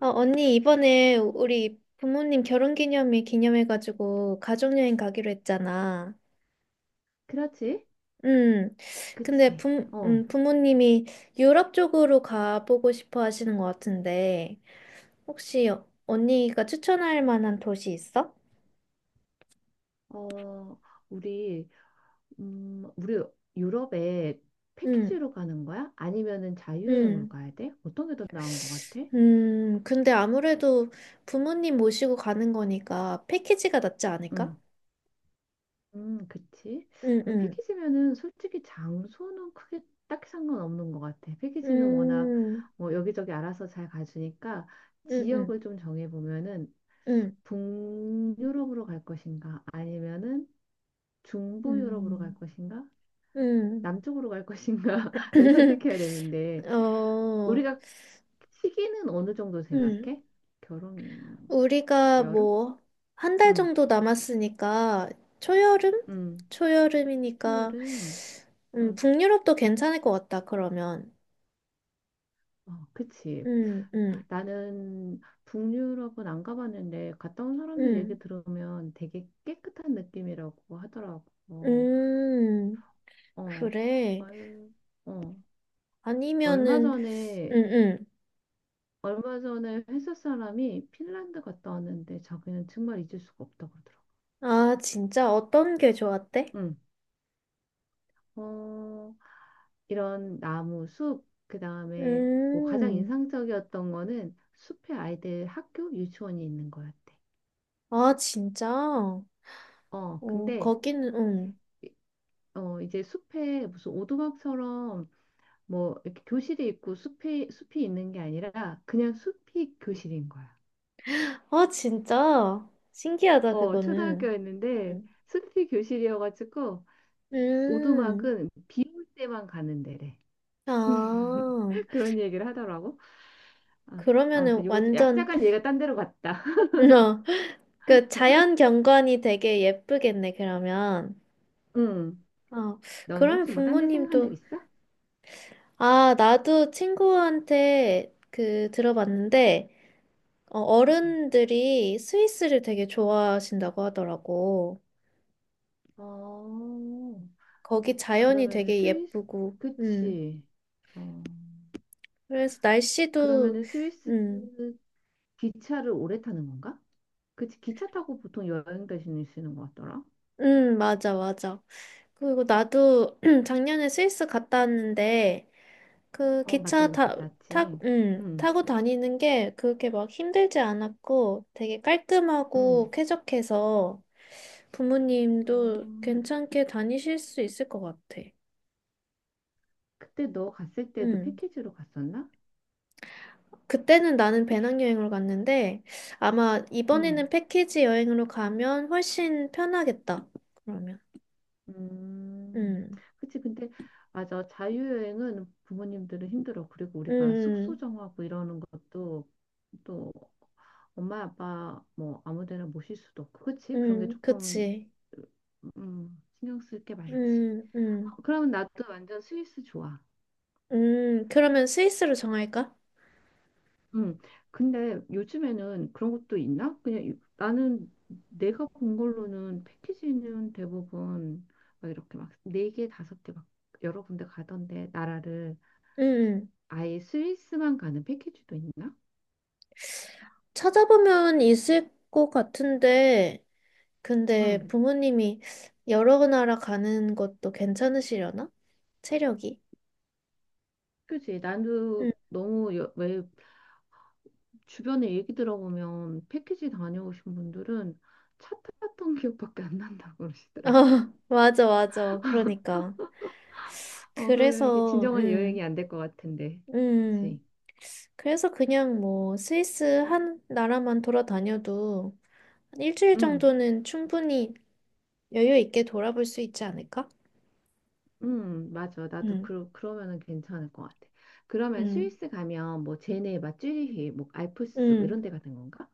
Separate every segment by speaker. Speaker 1: 언니, 이번에 우리 부모님 결혼 기념일 기념해가지고 가족여행 가기로 했잖아.
Speaker 2: 그렇지?
Speaker 1: 음, 근데
Speaker 2: 그치?
Speaker 1: 부, 음, 부모님이 유럽 쪽으로 가보고 싶어 하시는 것 같은데, 혹시 언니가 추천할 만한 도시 있어?
Speaker 2: 어, 우리, 우리 유럽에
Speaker 1: 음,
Speaker 2: 패키지로 가는 거야? 아니면은 자유여행으로
Speaker 1: 음,
Speaker 2: 가야 돼? 어떤 게 더 나은 것 같아?
Speaker 1: 근데 아무래도 부모님 모시고 가는 거니까 패키지가 낫지 않을까?
Speaker 2: 음, 그치?
Speaker 1: 음, 음,
Speaker 2: 패키지면은 솔직히 장소는 크게 딱히 상관없는 것 같아. 패키지는 워낙
Speaker 1: 음,
Speaker 2: 뭐 여기저기 알아서 잘 가주니까
Speaker 1: 음, 음,
Speaker 2: 지역을 좀 정해보면은
Speaker 1: 음,
Speaker 2: 북유럽으로 갈 것인가? 아니면은 중부 유럽으로 갈
Speaker 1: 음,
Speaker 2: 것인가?
Speaker 1: 음.
Speaker 2: 남쪽으로 갈 것인가를 선택해야 되는데
Speaker 1: 어,
Speaker 2: 우리가 시기는 어느 정도
Speaker 1: 음.
Speaker 2: 생각해? 결혼
Speaker 1: 우리가
Speaker 2: 여름?
Speaker 1: 뭐, 한 달
Speaker 2: 응,
Speaker 1: 정도 남았으니까, 초여름?
Speaker 2: 응,
Speaker 1: 초여름이니까,
Speaker 2: 추여름. 응,
Speaker 1: 북유럽도 괜찮을 것 같다, 그러면.
Speaker 2: 어, 그치.
Speaker 1: 음, 음,
Speaker 2: 나는 북유럽은 안 가봤는데 갔다 온 사람들 얘기
Speaker 1: 음,
Speaker 2: 들으면 되게 깨끗한 느낌이라고 하더라고.
Speaker 1: 음,
Speaker 2: 어,
Speaker 1: 그래.
Speaker 2: 얼, 어, 얼마
Speaker 1: 아니면은,
Speaker 2: 전에
Speaker 1: 음, 음.
Speaker 2: 얼마 전에 회사 사람이 핀란드 갔다 왔는데 자기는 정말 잊을 수가 없다고 그러더라고.
Speaker 1: 아, 진짜? 어떤 게 좋았대?
Speaker 2: 응. 어, 이런 나무, 숲, 그다음에 뭐 가장
Speaker 1: 음,
Speaker 2: 인상적이었던 거는 숲에 아이들 학교 유치원이 있는 거였대.
Speaker 1: 아, 진짜?
Speaker 2: 어,
Speaker 1: 어,
Speaker 2: 근데
Speaker 1: 거기는,
Speaker 2: 이- 어 이제 숲에 무슨 오두막처럼 뭐 이렇게 교실이 있고 숲이 있는 게 아니라 그냥 숲이 교실인 거야.
Speaker 1: 아, 진짜? 신기하다,
Speaker 2: 어,
Speaker 1: 그거는.
Speaker 2: 초등학교였는데
Speaker 1: 음.
Speaker 2: 숲이 교실이어가지고
Speaker 1: 음.
Speaker 2: 오두막은 비올 때만 가는 데래.
Speaker 1: 아,
Speaker 2: 그런 얘기를 하더라고. 아,
Speaker 1: 그러면은
Speaker 2: 아무튼 요거
Speaker 1: 완전,
Speaker 2: 약간 얘가 딴 데로 갔다.
Speaker 1: 어, 그 자연 경관이 되게 예쁘겠네, 그러면.
Speaker 2: 응.
Speaker 1: 어,
Speaker 2: 너는
Speaker 1: 그러면
Speaker 2: 혹시 뭐 딴 데 생각한 적
Speaker 1: 부모님도,
Speaker 2: 있어?
Speaker 1: 아, 나도 친구한테 그 들어봤는데,
Speaker 2: 응.
Speaker 1: 어른들이 스위스를 되게 좋아하신다고 하더라고.
Speaker 2: 어,
Speaker 1: 거기 자연이
Speaker 2: 그러면은
Speaker 1: 되게
Speaker 2: 스위스,
Speaker 1: 예쁘고,
Speaker 2: 그치. 어,
Speaker 1: 그래서 날씨도,
Speaker 2: 그러면은 스위스
Speaker 1: 음.
Speaker 2: 기차를 오래 타는 건가? 그치, 기차 타고 보통 여행 대신에 쓰는 것 같더라.
Speaker 1: 맞아, 맞아. 그리고 나도 작년에 스위스 갔다 왔는데, 그
Speaker 2: 어, 맞다,
Speaker 1: 기차
Speaker 2: 너
Speaker 1: 타,
Speaker 2: 갔다
Speaker 1: 타,
Speaker 2: 왔지.
Speaker 1: 음,
Speaker 2: 응,
Speaker 1: 타고 다니는 게 그렇게 막 힘들지 않았고 되게 깔끔하고
Speaker 2: 응.
Speaker 1: 쾌적해서
Speaker 2: 어,
Speaker 1: 부모님도 괜찮게 다니실 수 있을 것 같아.
Speaker 2: 그때 너 갔을 때도
Speaker 1: 음.
Speaker 2: 패키지로 갔었나?
Speaker 1: 그때는 나는 배낭여행으로 갔는데 아마
Speaker 2: 응.
Speaker 1: 이번에는 패키지 여행으로 가면 훨씬 편하겠다. 그러면.
Speaker 2: 음,
Speaker 1: 음.
Speaker 2: 그치. 근데, 맞아. 자유여행은 부모님들은 힘들어. 그리고 우리가 숙소
Speaker 1: 음.
Speaker 2: 정하고 이러는 것도 또 엄마, 아빠 뭐 아무 데나 모실 수도 없고. 그치? 그런 게
Speaker 1: 음. 음.
Speaker 2: 조금,
Speaker 1: 그치.
Speaker 2: 신경 쓸게 많지.
Speaker 1: 음,
Speaker 2: 아,
Speaker 1: 음,
Speaker 2: 그러면 나도 완전 스위스 좋아.
Speaker 1: 그러면 스위스로 정할까?
Speaker 2: 음, 근데 요즘에는 그런 것도 있나? 그냥 나는 내가 본 걸로는 패키지는 대부분 막 이렇게 네 개, 다섯 개 막 여러 군데 가던데 나라를
Speaker 1: 음, 음.
Speaker 2: 아예 스위스만 가는 패키지도 있나?
Speaker 1: 찾아보면 있을 것 같은데, 근데
Speaker 2: 응.
Speaker 1: 부모님이 여러 나라 가는 것도 괜찮으시려나? 체력이?
Speaker 2: 그지?
Speaker 1: 음,
Speaker 2: 나도 왜 주변에 얘기 들어보면 패키지 다녀오신 분들은 차 탔던 기억밖에 안 난다고
Speaker 1: 어,
Speaker 2: 그러시더라고.
Speaker 1: 맞아, 맞아. 그러니까.
Speaker 2: 어, 그러면 이게
Speaker 1: 그래서,
Speaker 2: 진정한
Speaker 1: 음,
Speaker 2: 여행이 안 될 것 같은데,
Speaker 1: 음,
Speaker 2: 그지?
Speaker 1: 그래서 그냥 뭐 스위스 한 나라만 돌아다녀도 한 일주일
Speaker 2: 응.
Speaker 1: 정도는 충분히 여유 있게 돌아볼 수 있지 않을까?
Speaker 2: 맞아. 나도
Speaker 1: 음,
Speaker 2: 그러면은 괜찮을 것 같아. 그러면
Speaker 1: 음,
Speaker 2: 스위스 가면 뭐 제네바, 찌리히, 뭐 알프스 뭐
Speaker 1: 음.
Speaker 2: 이런 데 같은 건가?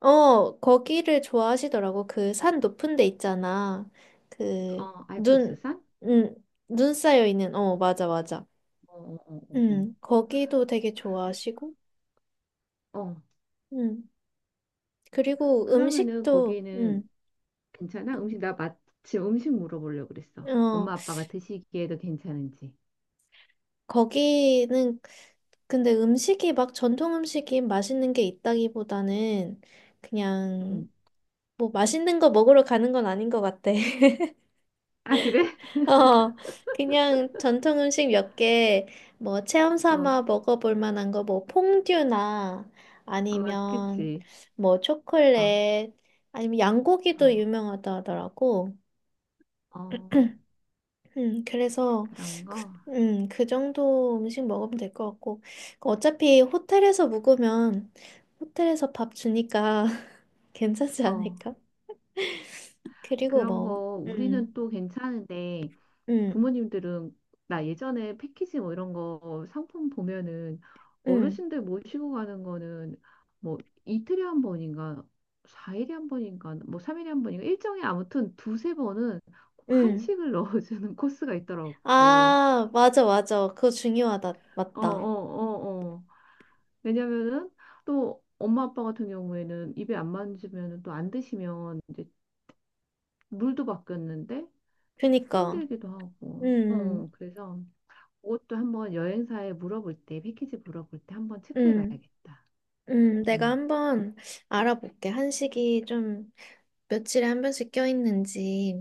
Speaker 1: 거기를 좋아하시더라고. 그 산 높은 데 있잖아. 그,
Speaker 2: 어,
Speaker 1: 눈,
Speaker 2: 알프스산?
Speaker 1: 음, 눈 쌓여 있는, 어, 맞아, 맞아.
Speaker 2: 어, 어, 어, 어.
Speaker 1: 거기도 되게 좋아하시고,
Speaker 2: 어, 어,
Speaker 1: 음, 그리고
Speaker 2: 그러면은
Speaker 1: 음식도,
Speaker 2: 거기는 괜찮아? 음식 나 마침 음식 물어보려고 그랬어.
Speaker 1: 어,
Speaker 2: 엄마 아빠가 드시기에도 괜찮은지.
Speaker 1: 거기는, 근데 음식이 막 전통 음식이 맛있는 게 있다기보다는
Speaker 2: 음.
Speaker 1: 그냥, 뭐 맛있는 거 먹으러 가는 건 아닌 것 같아.
Speaker 2: 아, 그래?
Speaker 1: 어, 그냥 전통 음식 몇 개, 뭐, 체험
Speaker 2: 어.
Speaker 1: 삼아 먹어볼 만한 거, 뭐, 퐁듀나,
Speaker 2: 아,
Speaker 1: 아니면,
Speaker 2: 그치.
Speaker 1: 뭐,
Speaker 2: 어.
Speaker 1: 초콜릿, 아니면 양고기도
Speaker 2: 어.
Speaker 1: 유명하다 하더라고.
Speaker 2: 어.
Speaker 1: 그래서,
Speaker 2: 그런
Speaker 1: 그,
Speaker 2: 거?
Speaker 1: 음, 그 정도 음식 먹으면 될 것 같고. 어차피 호텔에서 묵으면, 호텔에서 밥 주니까 괜찮지
Speaker 2: 어.
Speaker 1: 않을까? 그리고
Speaker 2: 그런
Speaker 1: 뭐,
Speaker 2: 거
Speaker 1: 음,
Speaker 2: 우리는 또 괜찮은데
Speaker 1: 음,
Speaker 2: 부모님들은 나 예전에 패키지 뭐 이런 거 상품 보면은
Speaker 1: 음,
Speaker 2: 어르신들 모시고 가는 거는 뭐 이틀에 한 번인가 4일에 한 번인가 뭐 3일에 한 번인가 일정에 아무튼 두세 번은 꼭
Speaker 1: 음.
Speaker 2: 한식을 넣어주는 코스가 있더라고. 어,
Speaker 1: 아, 맞아, 맞아. 그거 중요하다.
Speaker 2: 어,
Speaker 1: 맞다.
Speaker 2: 어, 어. 왜냐면은 또 엄마 아빠 같은 경우에는 입에 안 맞으면 또 안 드시면 이제 물도 바뀌었는데
Speaker 1: 그니까.
Speaker 2: 힘들기도 하고. 어,
Speaker 1: 음,
Speaker 2: 어. 그래서 그것도 한번 여행사에 물어볼 때, 패키지 물어볼 때 한번
Speaker 1: 음,
Speaker 2: 체크해 봐야겠다.
Speaker 1: 음. 내가
Speaker 2: 음.
Speaker 1: 한번 알아볼게. 한식이 좀 며칠에 한 번씩 껴있는지.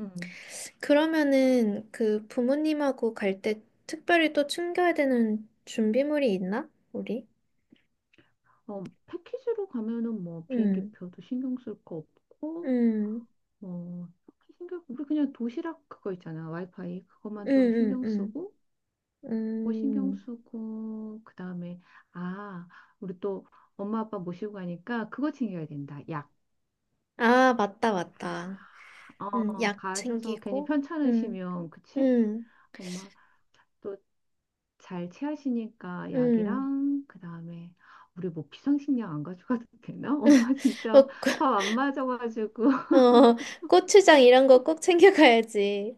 Speaker 2: 음.
Speaker 1: 그러면은 그 부모님하고 갈 때 특별히 또 챙겨야 되는 준비물이 있나? 우리?
Speaker 2: 어, 패키지로 가면은 뭐
Speaker 1: 음,
Speaker 2: 비행기표도 신경 쓸 거 없고,
Speaker 1: 음,
Speaker 2: 뭐, 딱히 신경, 우리 그냥 도시락 그거 있잖아. 와이파이. 그것만
Speaker 1: 음,
Speaker 2: 좀
Speaker 1: 음,
Speaker 2: 신경
Speaker 1: 음.
Speaker 2: 쓰고, 그거 신경
Speaker 1: 음.
Speaker 2: 쓰고, 그 다음에, 아, 우리 또 엄마 아빠 모시고 가니까 그거 챙겨야 된다. 약.
Speaker 1: 아, 맞다, 맞다.
Speaker 2: 어,
Speaker 1: 약
Speaker 2: 가셔서 괜히
Speaker 1: 챙기고. 음,
Speaker 2: 편찮으시면, 그치?
Speaker 1: 음,
Speaker 2: 엄마. 또 잘 체하시니까
Speaker 1: 음.
Speaker 2: 약이랑 그다음에 우리 뭐 비상식량 안 가져가도 되나? 엄마
Speaker 1: 어,
Speaker 2: 진짜 밥 안 맞아가지고
Speaker 1: 어, 고추장 이런 거 꼭 챙겨가야지.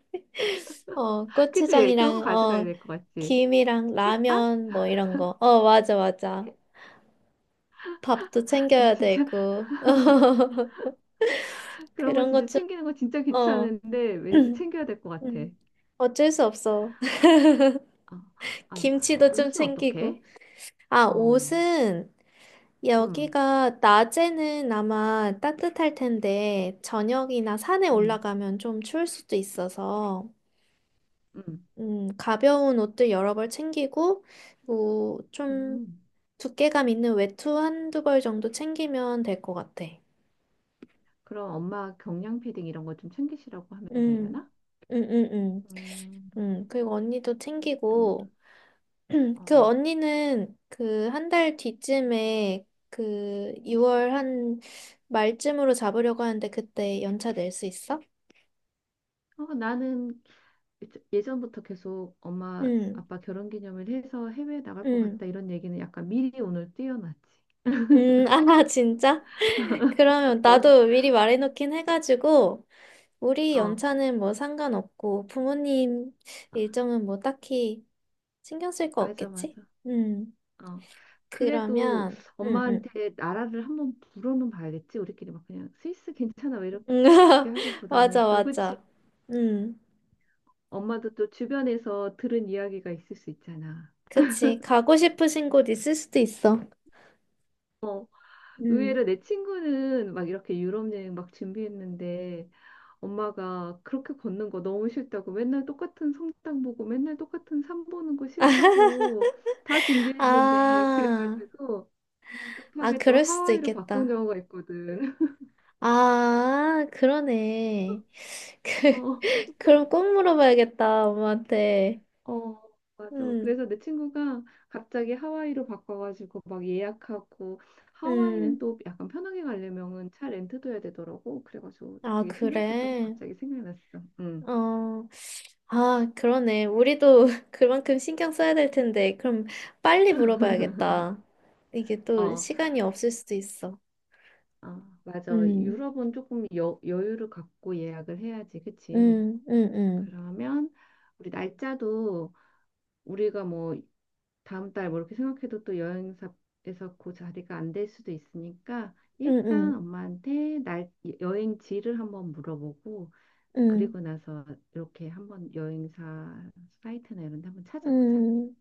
Speaker 1: 어,
Speaker 2: 그치? 그런 거
Speaker 1: 고추장이랑,
Speaker 2: 가져가야
Speaker 1: 어,
Speaker 2: 될 것 같지?
Speaker 1: 김이랑
Speaker 2: 햇반?
Speaker 1: 라면 뭐 이런 거. 어, 맞아, 맞아. 밥도
Speaker 2: 나
Speaker 1: 챙겨야
Speaker 2: 진짜
Speaker 1: 되고.
Speaker 2: 그런 거
Speaker 1: 그런 것
Speaker 2: 진짜
Speaker 1: 좀,
Speaker 2: 챙기는 거 진짜
Speaker 1: 어,
Speaker 2: 귀찮은데 왠지 챙겨야 될 것 같아.
Speaker 1: 음, 어쩔 수 없어.
Speaker 2: 어, 아,
Speaker 1: 김치도 좀
Speaker 2: 옷은
Speaker 1: 챙기고.
Speaker 2: 어떻게?
Speaker 1: 아,
Speaker 2: 어,
Speaker 1: 옷은
Speaker 2: 음,
Speaker 1: 여기가 낮에는 아마 따뜻할 텐데, 저녁이나 산에
Speaker 2: 음,
Speaker 1: 올라가면 좀 추울 수도 있어서.
Speaker 2: 음,
Speaker 1: 가벼운 옷들 여러 벌 챙기고, 뭐, 좀
Speaker 2: 음.
Speaker 1: 두께감 있는 외투 한두 벌 정도 챙기면 될 것 같아.
Speaker 2: 그럼 엄마 경량 패딩 이런 거 좀 챙기시라고 하면
Speaker 1: 음,
Speaker 2: 되려나?
Speaker 1: 음, 음, 음.
Speaker 2: 음,
Speaker 1: 그리고 언니도
Speaker 2: 경-
Speaker 1: 챙기고, 그
Speaker 2: 어.
Speaker 1: 언니는 그 한달 뒤쯤에 그 2월 한 말쯤으로 잡으려고 하는데 그때 연차 낼 수 있어?
Speaker 2: 어, 나는 예전부터 계속 엄마
Speaker 1: 음,
Speaker 2: 아빠 결혼기념일 해서 해외에 나갈 것 같다
Speaker 1: 음,
Speaker 2: 이런 얘기는 약간 미리 오늘 뛰어놨지.
Speaker 1: 아, 진짜? 그러면
Speaker 2: 어,
Speaker 1: 나도 미리 말해놓긴 해가지고, 우리
Speaker 2: 어,
Speaker 1: 연차는 뭐 상관없고, 부모님 일정은 뭐 딱히 신경 쓸 거
Speaker 2: 맞아,
Speaker 1: 없겠지?
Speaker 2: 맞아.
Speaker 1: 음,
Speaker 2: 어. 그래도
Speaker 1: 그러면, 음.
Speaker 2: 엄마한테 나라를 한번 물어는 봐야겠지. 우리끼리 막 그냥 스위스 괜찮아 왜
Speaker 1: 음,
Speaker 2: 이렇게
Speaker 1: 맞아,
Speaker 2: 하기보다는 또 그치.
Speaker 1: 맞아. 음,
Speaker 2: 엄마도 또 주변에서 들은 이야기가 있을 수 있잖아.
Speaker 1: 그치. 가고 싶으신 곳 있을 수도 있어.
Speaker 2: 어,
Speaker 1: 음.
Speaker 2: 의외로 내 친구는 막 이렇게 유럽 여행 막 준비했는데 엄마가 그렇게 걷는 거 너무 싫다고 맨날 똑같은 성당 보고 맨날 똑같은 산 보는 거 싫다고 다 준비했는데
Speaker 1: 아,
Speaker 2: 그래가지고
Speaker 1: 아,
Speaker 2: 급하게 또
Speaker 1: 그럴 수도
Speaker 2: 하와이로 바꾼
Speaker 1: 있겠다.
Speaker 2: 경우가 있거든.
Speaker 1: 아, 그러네. 그,
Speaker 2: 어,
Speaker 1: 그럼 꼭 물어봐야겠다, 엄마한테.
Speaker 2: 어, 맞아.
Speaker 1: 음,
Speaker 2: 그래서 내 친구가 갑자기 하와이로 바꿔가지고 막 예약하고 하와이는
Speaker 1: 음.
Speaker 2: 또 약간 편하게 가려면은 차 렌트도 해야 되더라고. 그래가지고
Speaker 1: 아,
Speaker 2: 되게 신경 썼던 거
Speaker 1: 그래.
Speaker 2: 갑자기 생각났어. 응.
Speaker 1: 어, 아, 그러네. 우리도 그만큼 신경 써야 될 텐데. 그럼 빨리 물어봐야겠다. 이게 또
Speaker 2: 어.
Speaker 1: 시간이 없을 수도 있어.
Speaker 2: 아, 맞아.
Speaker 1: 음,
Speaker 2: 유럽은 조금 여유를 갖고 예약을 해야지, 그치?
Speaker 1: 음, 음, 음,
Speaker 2: 그러면 우리 날짜도 우리가 뭐 다음 달 뭐 이렇게 생각해도 또 여행사에서 그 자리가 안될 수도 있으니까 일단
Speaker 1: 음,
Speaker 2: 엄마한테 날 여행지를 한번 물어보고
Speaker 1: 음,
Speaker 2: 그리고 나서 이렇게 한번 여행사 사이트나 이런 데 한번
Speaker 1: 음,
Speaker 2: 찾아보자.
Speaker 1: 음.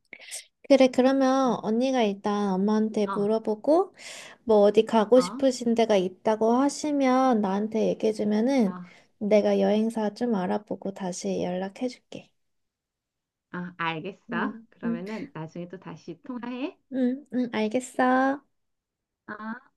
Speaker 1: 그래,
Speaker 2: 어,
Speaker 1: 그러면 언니가 일단 엄마한테
Speaker 2: 어,
Speaker 1: 물어보고, 뭐 어디 가고
Speaker 2: 어,
Speaker 1: 싶으신 데가 있다고 하시면 나한테 얘기해주면은 내가 여행사 좀 알아보고 다시 연락해줄게.
Speaker 2: 어, 알겠어.
Speaker 1: 음, 음,
Speaker 2: 그러면은 나중에 또 다시 통화해.
Speaker 1: 알겠어.
Speaker 2: 어.